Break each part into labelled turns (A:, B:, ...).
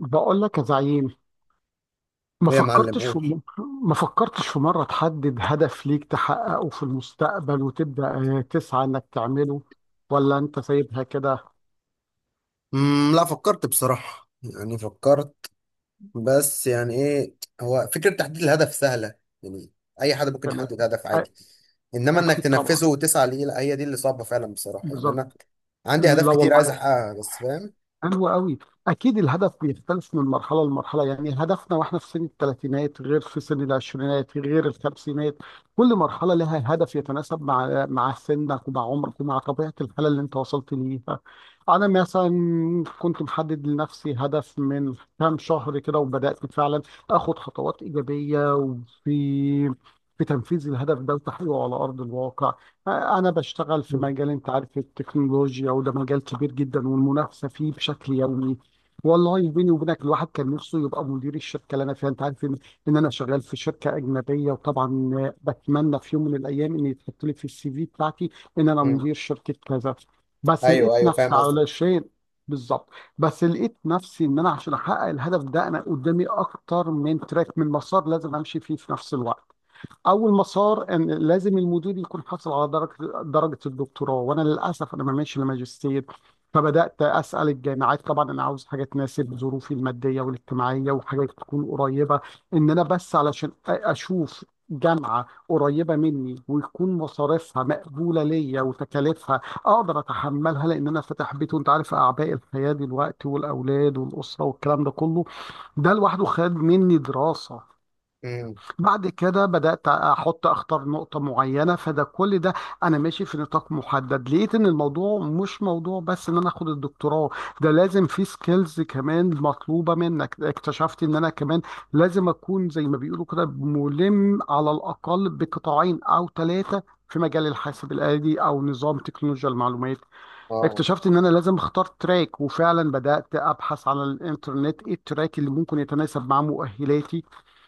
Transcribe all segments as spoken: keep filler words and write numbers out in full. A: بقول لك يا زعيم. ما
B: ايه يا معلم،
A: فكرتش في
B: قول.
A: م- ما فكرتش في مرة تحدد هدف ليك تحققه في المستقبل وتبدأ، آه، تسعى إنك تعمله، ولا أنت سايبها كده؟
B: امم لا، فكرت بصراحة، يعني فكرت، بس يعني ايه. هو فكرة تحديد الهدف سهلة، يعني اي حد ممكن
A: تمام.
B: يحدد هدف
A: أ-
B: عادي. انما انك
A: أكيد طبعا.
B: تنفذه وتسعى ليه، لا هي دي اللي صعبة فعلا بصراحة. يعني
A: بالظبط.
B: انا عندي اهداف
A: لا
B: كتير عايز
A: والله،
B: احققها، بس فاهم.
A: حلو قوي. اكيد الهدف بيختلف من مرحله لمرحله، يعني هدفنا واحنا في سن الثلاثينات غير في سن العشرينات غير الخمسينات. كل مرحله لها هدف يتناسب مع مع سنك ومع عمرك ومع طبيعه الحاله اللي انت وصلت ليها. انا مثلا كنت محدد لنفسي هدف من كام شهر كده، وبدات فعلا اخد خطوات ايجابيه وفي في تنفيذ الهدف ده وتحقيقه على ارض الواقع. أنا بشتغل في
B: مم.
A: مجال، أنت عارف، التكنولوجيا، وده مجال كبير جدا والمنافسة فيه بشكل يومي. والله بيني وبينك الواحد كان نفسه يبقى مدير الشركة اللي أنا فيها، أنت عارف إن إن أنا شغال في شركة أجنبية. وطبعا آه، بتمنى في يوم من الأيام إن يتحط لي في السي في بتاعتي إن أنا
B: امم
A: مدير شركة كذا. بس
B: ايوه
A: لقيت
B: ايوه،
A: نفسي
B: فاهم قصدك.
A: علشان… بالظبط. بس لقيت نفسي إن أنا عشان أحقق الهدف ده أنا قدامي أكتر من تراك، من مسار لازم أمشي فيه في نفس الوقت. اول مسار ان لازم المدير يكون حاصل على درجه درجه الدكتوراه، وانا للاسف انا ما ماشي لماجستير. فبدات اسال الجامعات، طبعا انا عاوز حاجه تناسب ظروفي الماديه والاجتماعيه وحاجه تكون قريبه، ان انا بس علشان أ- اشوف جامعه قريبه مني ويكون مصاريفها مقبوله ليا وتكاليفها اقدر اتحملها، لان انا فاتح بيت وانت عارف اعباء الحياه دلوقتي والاولاد والاسره والكلام ده كله. ده لوحده خد مني دراسه.
B: امم
A: بعد كده بدأت أحط أختار نقطة معينة، فده كل ده أنا ماشي في نطاق محدد، لقيت إن الموضوع مش موضوع بس إن أنا أخد الدكتوراه، ده لازم في سكيلز كمان مطلوبة منك. اكتشفت إن أنا كمان لازم أكون زي ما بيقولوا كده ملم على الأقل بقطاعين أو ثلاثة في مجال الحاسب الآلي أو نظام تكنولوجيا المعلومات.
B: اه
A: اكتشفت ان انا لازم اختار تراك، وفعلا بدأت ابحث على الانترنت ايه التراك اللي ممكن يتناسب مع مؤهلاتي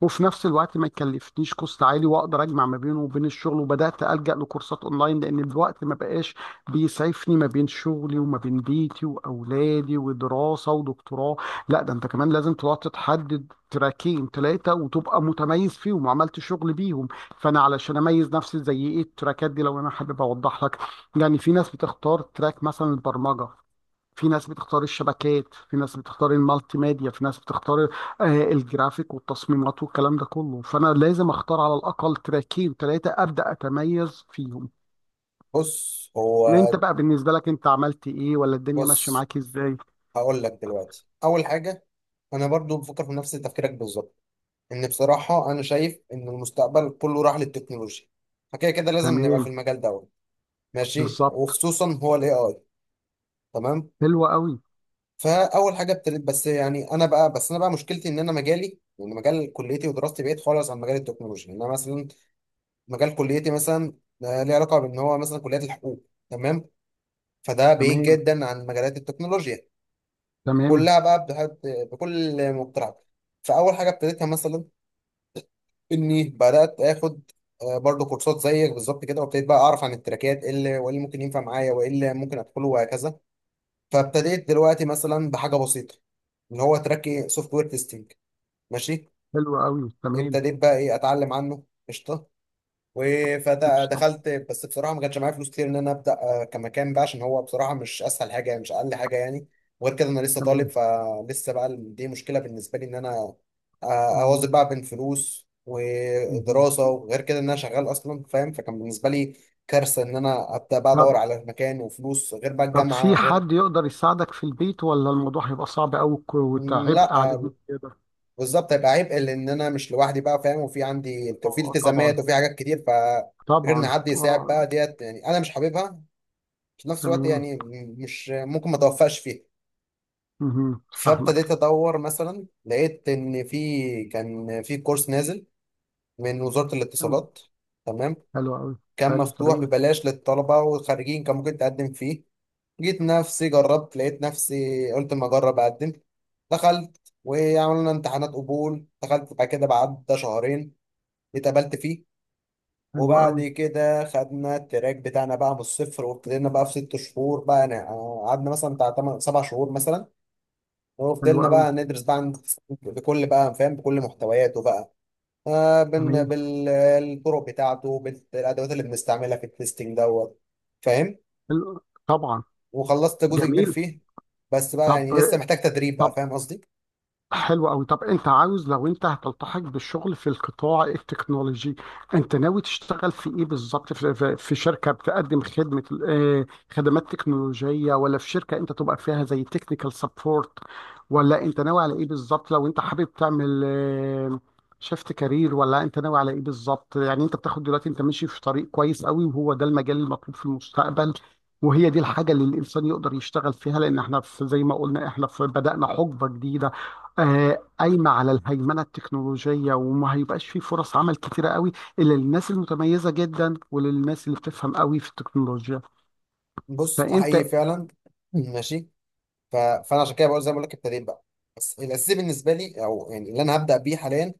A: وفي نفس الوقت ما يكلفنيش كوست عالي واقدر اجمع ما بينه وبين الشغل. وبدأت ألجأ لكورسات اونلاين لان الوقت ما بقاش بيسعفني ما بين شغلي وما بين بيتي واولادي ودراسة ودكتوراه. لا ده انت كمان لازم تقعد تتحدد تراكين ثلاثة وتبقى متميز فيهم وعملت شغل بيهم. فأنا علشان أميز نفسي زي إيه التراكات دي، لو أنا حابب أوضح لك، يعني في ناس بتختار تراك مثلا البرمجة، في ناس بتختار الشبكات، في ناس بتختار المالتي ميديا، في ناس بتختار آه، الجرافيك والتصميمات والكلام ده كله. فأنا لازم أختار على الأقل تراكين ثلاثة أبدأ أتميز فيهم.
B: بص هو
A: أنت بقى بالنسبة لك أنت عملت إيه، ولا الدنيا ماشية
B: بص،
A: معاك إزاي؟
B: هقول لك دلوقتي. اول حاجة، انا برضو بفكر في نفس تفكيرك بالظبط. ان بصراحه انا شايف ان المستقبل كله راح للتكنولوجيا، فكده كده لازم نبقى في
A: تمام.
B: المجال دوت. ماشي،
A: بالظبط.
B: وخصوصا هو الاي اي. تمام.
A: حلو قوي.
B: فاول حاجه ابتديت، بس يعني انا بقى بس انا بقى مشكلتي ان انا مجالي، يعني مجال كليتي ودراستي بعيد خالص عن مجال التكنولوجيا. يعني انا مثلا مجال كليتي مثلا، آه، ليه علاقه بان هو مثلا كليه الحقوق. تمام. فده بعيد
A: تمام.
B: جدا عن مجالات التكنولوجيا
A: تمام.
B: كلها بقى. بتحب- بكل مقترحات. فاول حاجه ابتديتها مثلا اني بدات اخد، آه، برضو كورسات زيك بالظبط كده. وابتديت بقى اعرف عن التراكات، ايه اللي وايه اللي ممكن ينفع معايا وايه اللي ممكن ادخله وهكذا. فابتديت دلوقتي مثلا بحاجه بسيطه، اللي هو تراك سوفت وير تيستنج. ماشي.
A: حلو قوي. تمام.
B: ابتديت بقى ايه، اتعلم عنه. قشطه.
A: مش صح.
B: فدخلت، بس بصراحه ما كانش معايا فلوس كتير ان انا ابدا آه، كمكان بقى، عشان هو بصراحه مش اسهل حاجه يعني، مش اقل حاجه يعني. وغير كده انا لسه طالب،
A: تمام.
B: فلسه بقى دي مشكله بالنسبه لي ان انا آه،
A: أه.
B: اواظب بقى بين فلوس
A: مهم.
B: ودراسه. وغير كده ان انا شغال اصلا فاهم، فكان بالنسبه لي كارثه ان انا ابدا بقى ادور
A: طب،
B: على مكان وفلوس غير بقى
A: طب
B: الجامعه
A: في
B: غير.
A: حد يقدر يساعدك في البيت ولا الموضوع هيبقى صعب أوي
B: مم،
A: وتعبء
B: لا آه،
A: عليهم كده؟
B: بالظبط، هيبقى عبء لان انا مش لوحدي بقى فاهم، وفي عندي
A: اه،
B: وفي
A: آه، طبعا.
B: التزامات وفي حاجات كتير. ف غير ان
A: طبعا،
B: حد يساعد
A: اه.
B: بقى ديت، يعني انا مش حاببها في نفس الوقت
A: تمام.
B: يعني، مش ممكن ما توفقش فيها.
A: مهم، فاهمك.
B: فابتديت ادور، مثلا لقيت ان في كان في كورس نازل من وزارة
A: تمام.
B: الاتصالات. تمام.
A: حلو أوي.
B: كان
A: حلو.
B: مفتوح
A: تمام.
B: ببلاش للطلبة والخريجين، كان ممكن تقدم فيه. جيت نفسي جربت، لقيت نفسي قلت ما اجرب اقدم. دخلت وعملنا امتحانات قبول، دخلت بعد كده بعد شهرين اتقبلت فيه.
A: حلو
B: وبعد
A: أوي.
B: كده خدنا التراك بتاعنا بقى من الصفر، وابتدينا بقى في ست شهور بقى، أنا- قعدنا مثلا بتاع تمن سبع شهور مثلا.
A: حلو
B: وفضلنا
A: أوي.
B: بقى ندرس بقى عن- بكل بقى فاهم بكل محتوياته بقى، آه بن
A: تمام.
B: بالطرق بتاعته، بالادوات اللي بنستعملها في التستنج دوت. فاهم.
A: حلو. طبعا.
B: وخلصت جزء كبير
A: جميل.
B: فيه، بس بقى
A: طب،
B: يعني لسه محتاج تدريب
A: طب
B: بقى فاهم قصدي.
A: حلو قوي، طب انت عاوز، لو انت هتلتحق بالشغل في القطاع التكنولوجي، انت ناوي تشتغل في ايه بالظبط، في, في في شركة بتقدم خدمة، آه، خدمات تكنولوجية، ولا في شركة انت تبقى فيها زي تكنيكال سبورت، ولا انت ناوي على ايه بالظبط؟ لو انت حابب تعمل شيفت كارير، ولا انت ناوي على ايه بالظبط؟ يعني انت بتاخد دلوقتي، انت ماشي في طريق كويس قوي، وهو ده المجال المطلوب في المستقبل، وهي دي الحاجة اللي الإنسان يقدر يشتغل فيها. لأن احنا في، زي ما قلنا، احنا في بدأنا حقبة جديدة آه، قايمة على الهيمنة التكنولوجية، وما هيبقاش فيه فرص عمل كتيرة قوي إلا للناس المتميزة جدا وللناس اللي بتفهم قوي في التكنولوجيا.
B: بص، ده
A: فأنت…
B: حقيقي فعلا. ماشي. ف... فانا عشان كده بقول زي ما بقول لك، التدريب بقى بس الاساسي بالنسبه لي. او يعني اللي انا هبدا بيه حاليا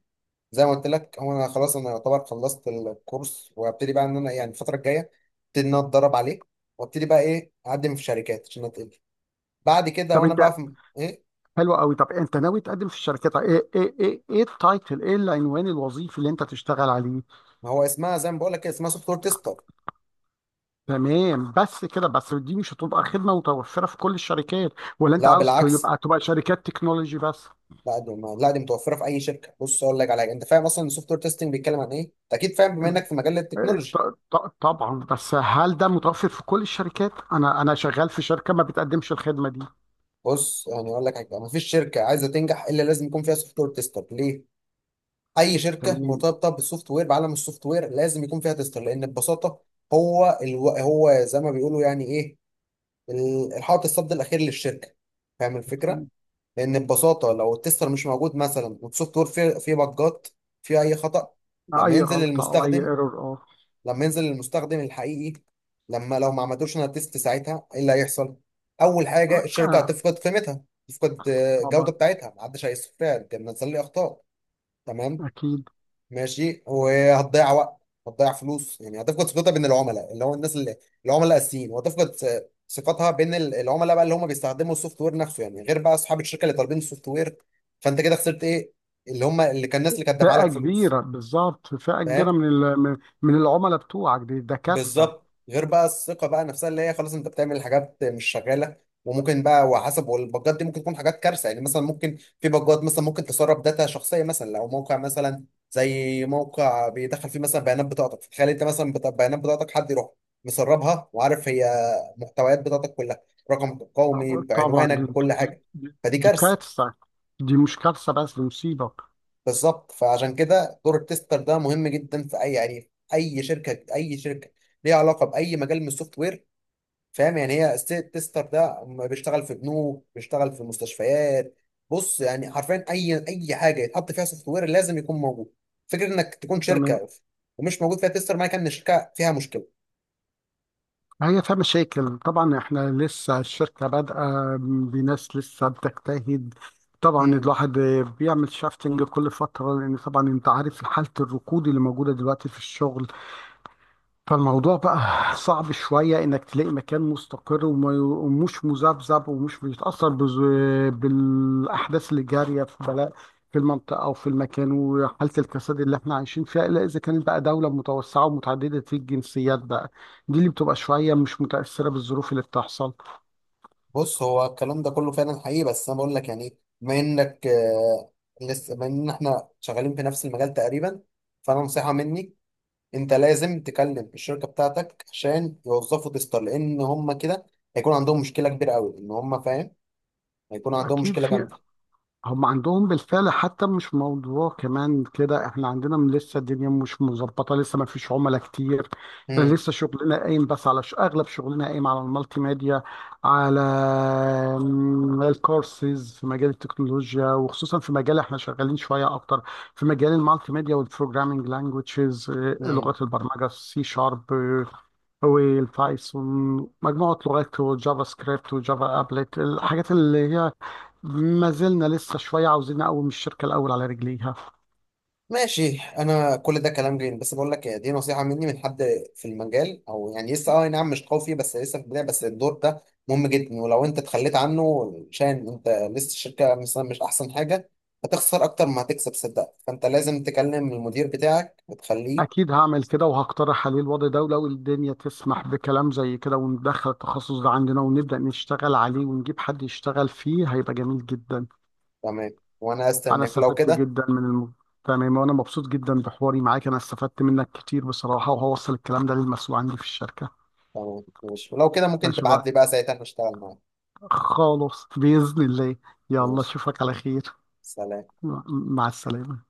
B: زي ما قلت لك، هو انا خلاص انا يعتبر خلصت الكورس. وابتدي بقى ان انا يعني الفتره الجايه ابتدي ان انا اتدرب عليه، وابتدي بقى ايه اقدم في شركات عشان اتقبل بعد كده،
A: طب
B: وانا
A: أنت،
B: بقى في ايه.
A: حلو قوي، طب أنت ناوي تقدم في الشركات، طيب، إيه إيه إيه إيه التايتل، إيه العنوان الوظيفي اللي أنت تشتغل عليه؟
B: ما هو اسمها زي ما بقول لك كده، اسمها سوفت وير تيستر.
A: تمام، بس كده، بس دي مش هتبقى خدمة متوفرة في كل الشركات، ولا أنت
B: لا
A: عاوز
B: بالعكس،
A: يبقى تبقى شركات تكنولوجي بس؟
B: لا دي ما- لا دي متوفره في اي شركه. بص اقول لك على حاجه، انت فاهم اصلا السوفت وير تيستنج بيتكلم عن ايه، انت اكيد فاهم بما انك في مجال
A: آه،
B: التكنولوجي.
A: ط- ط- طبعا، بس هل ده متوفر في كل الشركات؟ انا انا شغال في شركه ما بتقدمش الخدمه دي.
B: بص يعني اقول لك حاجه، ما فيش شركه عايزه تنجح الا لازم يكون فيها سوفت وير تيستر. ليه؟ اي شركه
A: تمام.
B: مرتبطه بالسوفت وير، بعالم السوفت وير لازم يكون فيها تستر. لان ببساطه هو الو... هو زي ما بيقولوا يعني ايه، ال- الحائط الصد الاخير للشركه. فاهم الفكره؟ لان ببساطه لو التستر مش موجود مثلا، والسوفت وير فيه فيه بجات، فيه اي خطا، لما
A: أي
B: ينزل
A: غلطة أو أي
B: للمستخدم،
A: ايرور، أه.
B: لما ينزل للمستخدم الحقيقي، لما لو ما عملتوش انا تيست، ساعتها ايه اللي هيحصل؟ اول حاجه الشركه
A: آه،
B: هتفقد قيمتها، تفقد آه، الجوده
A: طبعا.
B: بتاعتها، ما حدش هيستفاد، نزل لي اخطاء. تمام.
A: أكيد.
B: ماشي. وهتضيع وقت، هتضيع فلوس، يعني هتفقد ثقتها بين العملاء، اللي هو الناس اللي العملاء الاساسيين. وهتفقد ث- ثقتها بين ال- العملاء بقى، اللي هم بيستخدموا السوفت وير نفسه يعني، غير بقى اصحاب الشركه اللي طالبين السوفت وير. فانت كده خسرت ايه؟ اللي هم اللي كان الناس اللي كانت دافعه
A: فئة
B: لك فلوس.
A: كبيرة، بالظبط، فئة كبيرة
B: فاهم؟
A: من ال- من من العملاء بتوعك دي، ده كارثة.
B: بالظبط، غير بقى الثقه بقى نفسها اللي هي خلاص انت بتعمل حاجات مش شغاله. وممكن بقى وحسب، والباجات دي ممكن تكون حاجات كارثه. يعني مثلا ممكن في باجات مثلا ممكن تسرب داتا شخصيه. مثلا لو موقع مثلا، زي موقع بيدخل فيه مثلا بيانات بطاقتك، تخيل انت مثلا بتا- بيانات بطاقتك حد يروح مسربها، وعارف هي محتويات بطاقتك كلها، رقمك القومي،
A: طب- طبعا
B: بعنوانك،
A: دي،
B: بكل
A: دي,
B: حاجه.
A: دي,
B: فدي
A: دي
B: كارثه.
A: كارثة. دي مش كارثة بس دي مصيبة.
B: بالظبط، فعشان كده دور التستر ده مهم جدا في اي يعني اي شركه، اي شركه ليها علاقه باي مجال من السوفت وير. فاهم يعني؟ هي ستيت تيستر ده بيشتغل في بنوك، بيشتغل في مستشفيات. بص يعني، حرفيا اي اي حاجه يتحط فيها سوفت وير لازم يكون موجود. فكره انك تكون
A: تمام.
B: شركه ومش موجود فيها تيستر، معنى كان ان الشركه فيها مشكله.
A: هي فيها مشاكل طبعا، احنا لسه الشركة بادئة بناس لسه بتجتهد. طبعا
B: مم.
A: الواحد بيعمل شافتنج كل فترة، لأن طبعا انت عارف حالة الركود اللي موجودة دلوقتي في الشغل. فالموضوع بقى صعب شوية إنك تلاقي مكان مستقر وما- ومش مذبذب ومش بيتأثر بز- بالأحداث اللي جارية في بلاء في المنطقة أو في المكان، وحالة الكساد اللي إحنا عايشين فيها، إلا إذا كانت بقى دولة متوسعة ومتعددة الجنسيات بقى، دي اللي بتبقى شوية مش متأثرة بالظروف اللي بتحصل.
B: بص، هو الكلام ده كله فعلا حقيقي، بس انا بقول لك يعني إيه، بما انك آه، لسه، بما ان احنا شغالين في نفس المجال تقريبا، فانا نصيحه مني، انت لازم تكلم الشركه بتاعتك عشان يوظفوا تيستر، لان هم كده هيكون عندهم مشكله كبيره قوي ان هم فاهم، هيكون عندهم
A: أكيد
B: مشكلة
A: في،
B: جامدة.
A: هم عندهم بالفعل، حتى مش موضوع كمان كده، احنا عندنا من لسه الدنيا مش مظبطه، لسه ما فيش عملاء كتير.
B: امم
A: لسه شغلنا قايم بس على ش... اغلب شغلنا قايم على المالتي ميديا، على م- الكورسز في مجال التكنولوجيا، وخصوصا في مجال احنا شغالين شويه اكتر في مجال المالتي ميديا والبروجرامينج لانجويجز. لغه
B: امم
A: البرمجه السي شارب والبايثون، مجموعه لغات وجافا سكريبت وجافا ابلت، الحاجات اللي هي ما زلنا لسه شوية عاوزين نقوم الشركة الأول على رجليها.
B: ماشي، انا كل ده كلام جميل، بس بقول لك إيه، دي نصيحة مني من حد في المجال، او يعني لسه اه نعم مش قوي فيه بس لسه في البداية. بس الدور ده مهم جدا، ولو انت اتخليت عنه عشان انت لسه الشركة مثلا مش احسن حاجة، هتخسر اكتر ما هتكسب صدق. فانت لازم تكلم المدير بتاعك وتخليه.
A: أكيد هعمل كده، وهقترح عليه الوضع ده، ولو الدنيا تسمح بكلام زي كده وندخل التخصص ده عندنا ونبدأ نشتغل عليه ونجيب حد يشتغل فيه هيبقى جميل جدا.
B: تمام، وانا
A: أنا
B: استناك لو
A: استفدت
B: كده.
A: جدا من الم... تمام، وأنا مبسوط جدا بحواري معاك، أنا استفدت منك كتير بصراحة، وهوصل الكلام ده للمسؤول عندي في الشركة.
B: تمام، ماشي، ولو كده ممكن تبعت
A: أشوفك
B: لي بقى ساعتها نشتغل معاك.
A: خالص بإذن الله. يلا
B: ماشي،
A: أشوفك على خير.
B: سلام.
A: مع مع السلامة.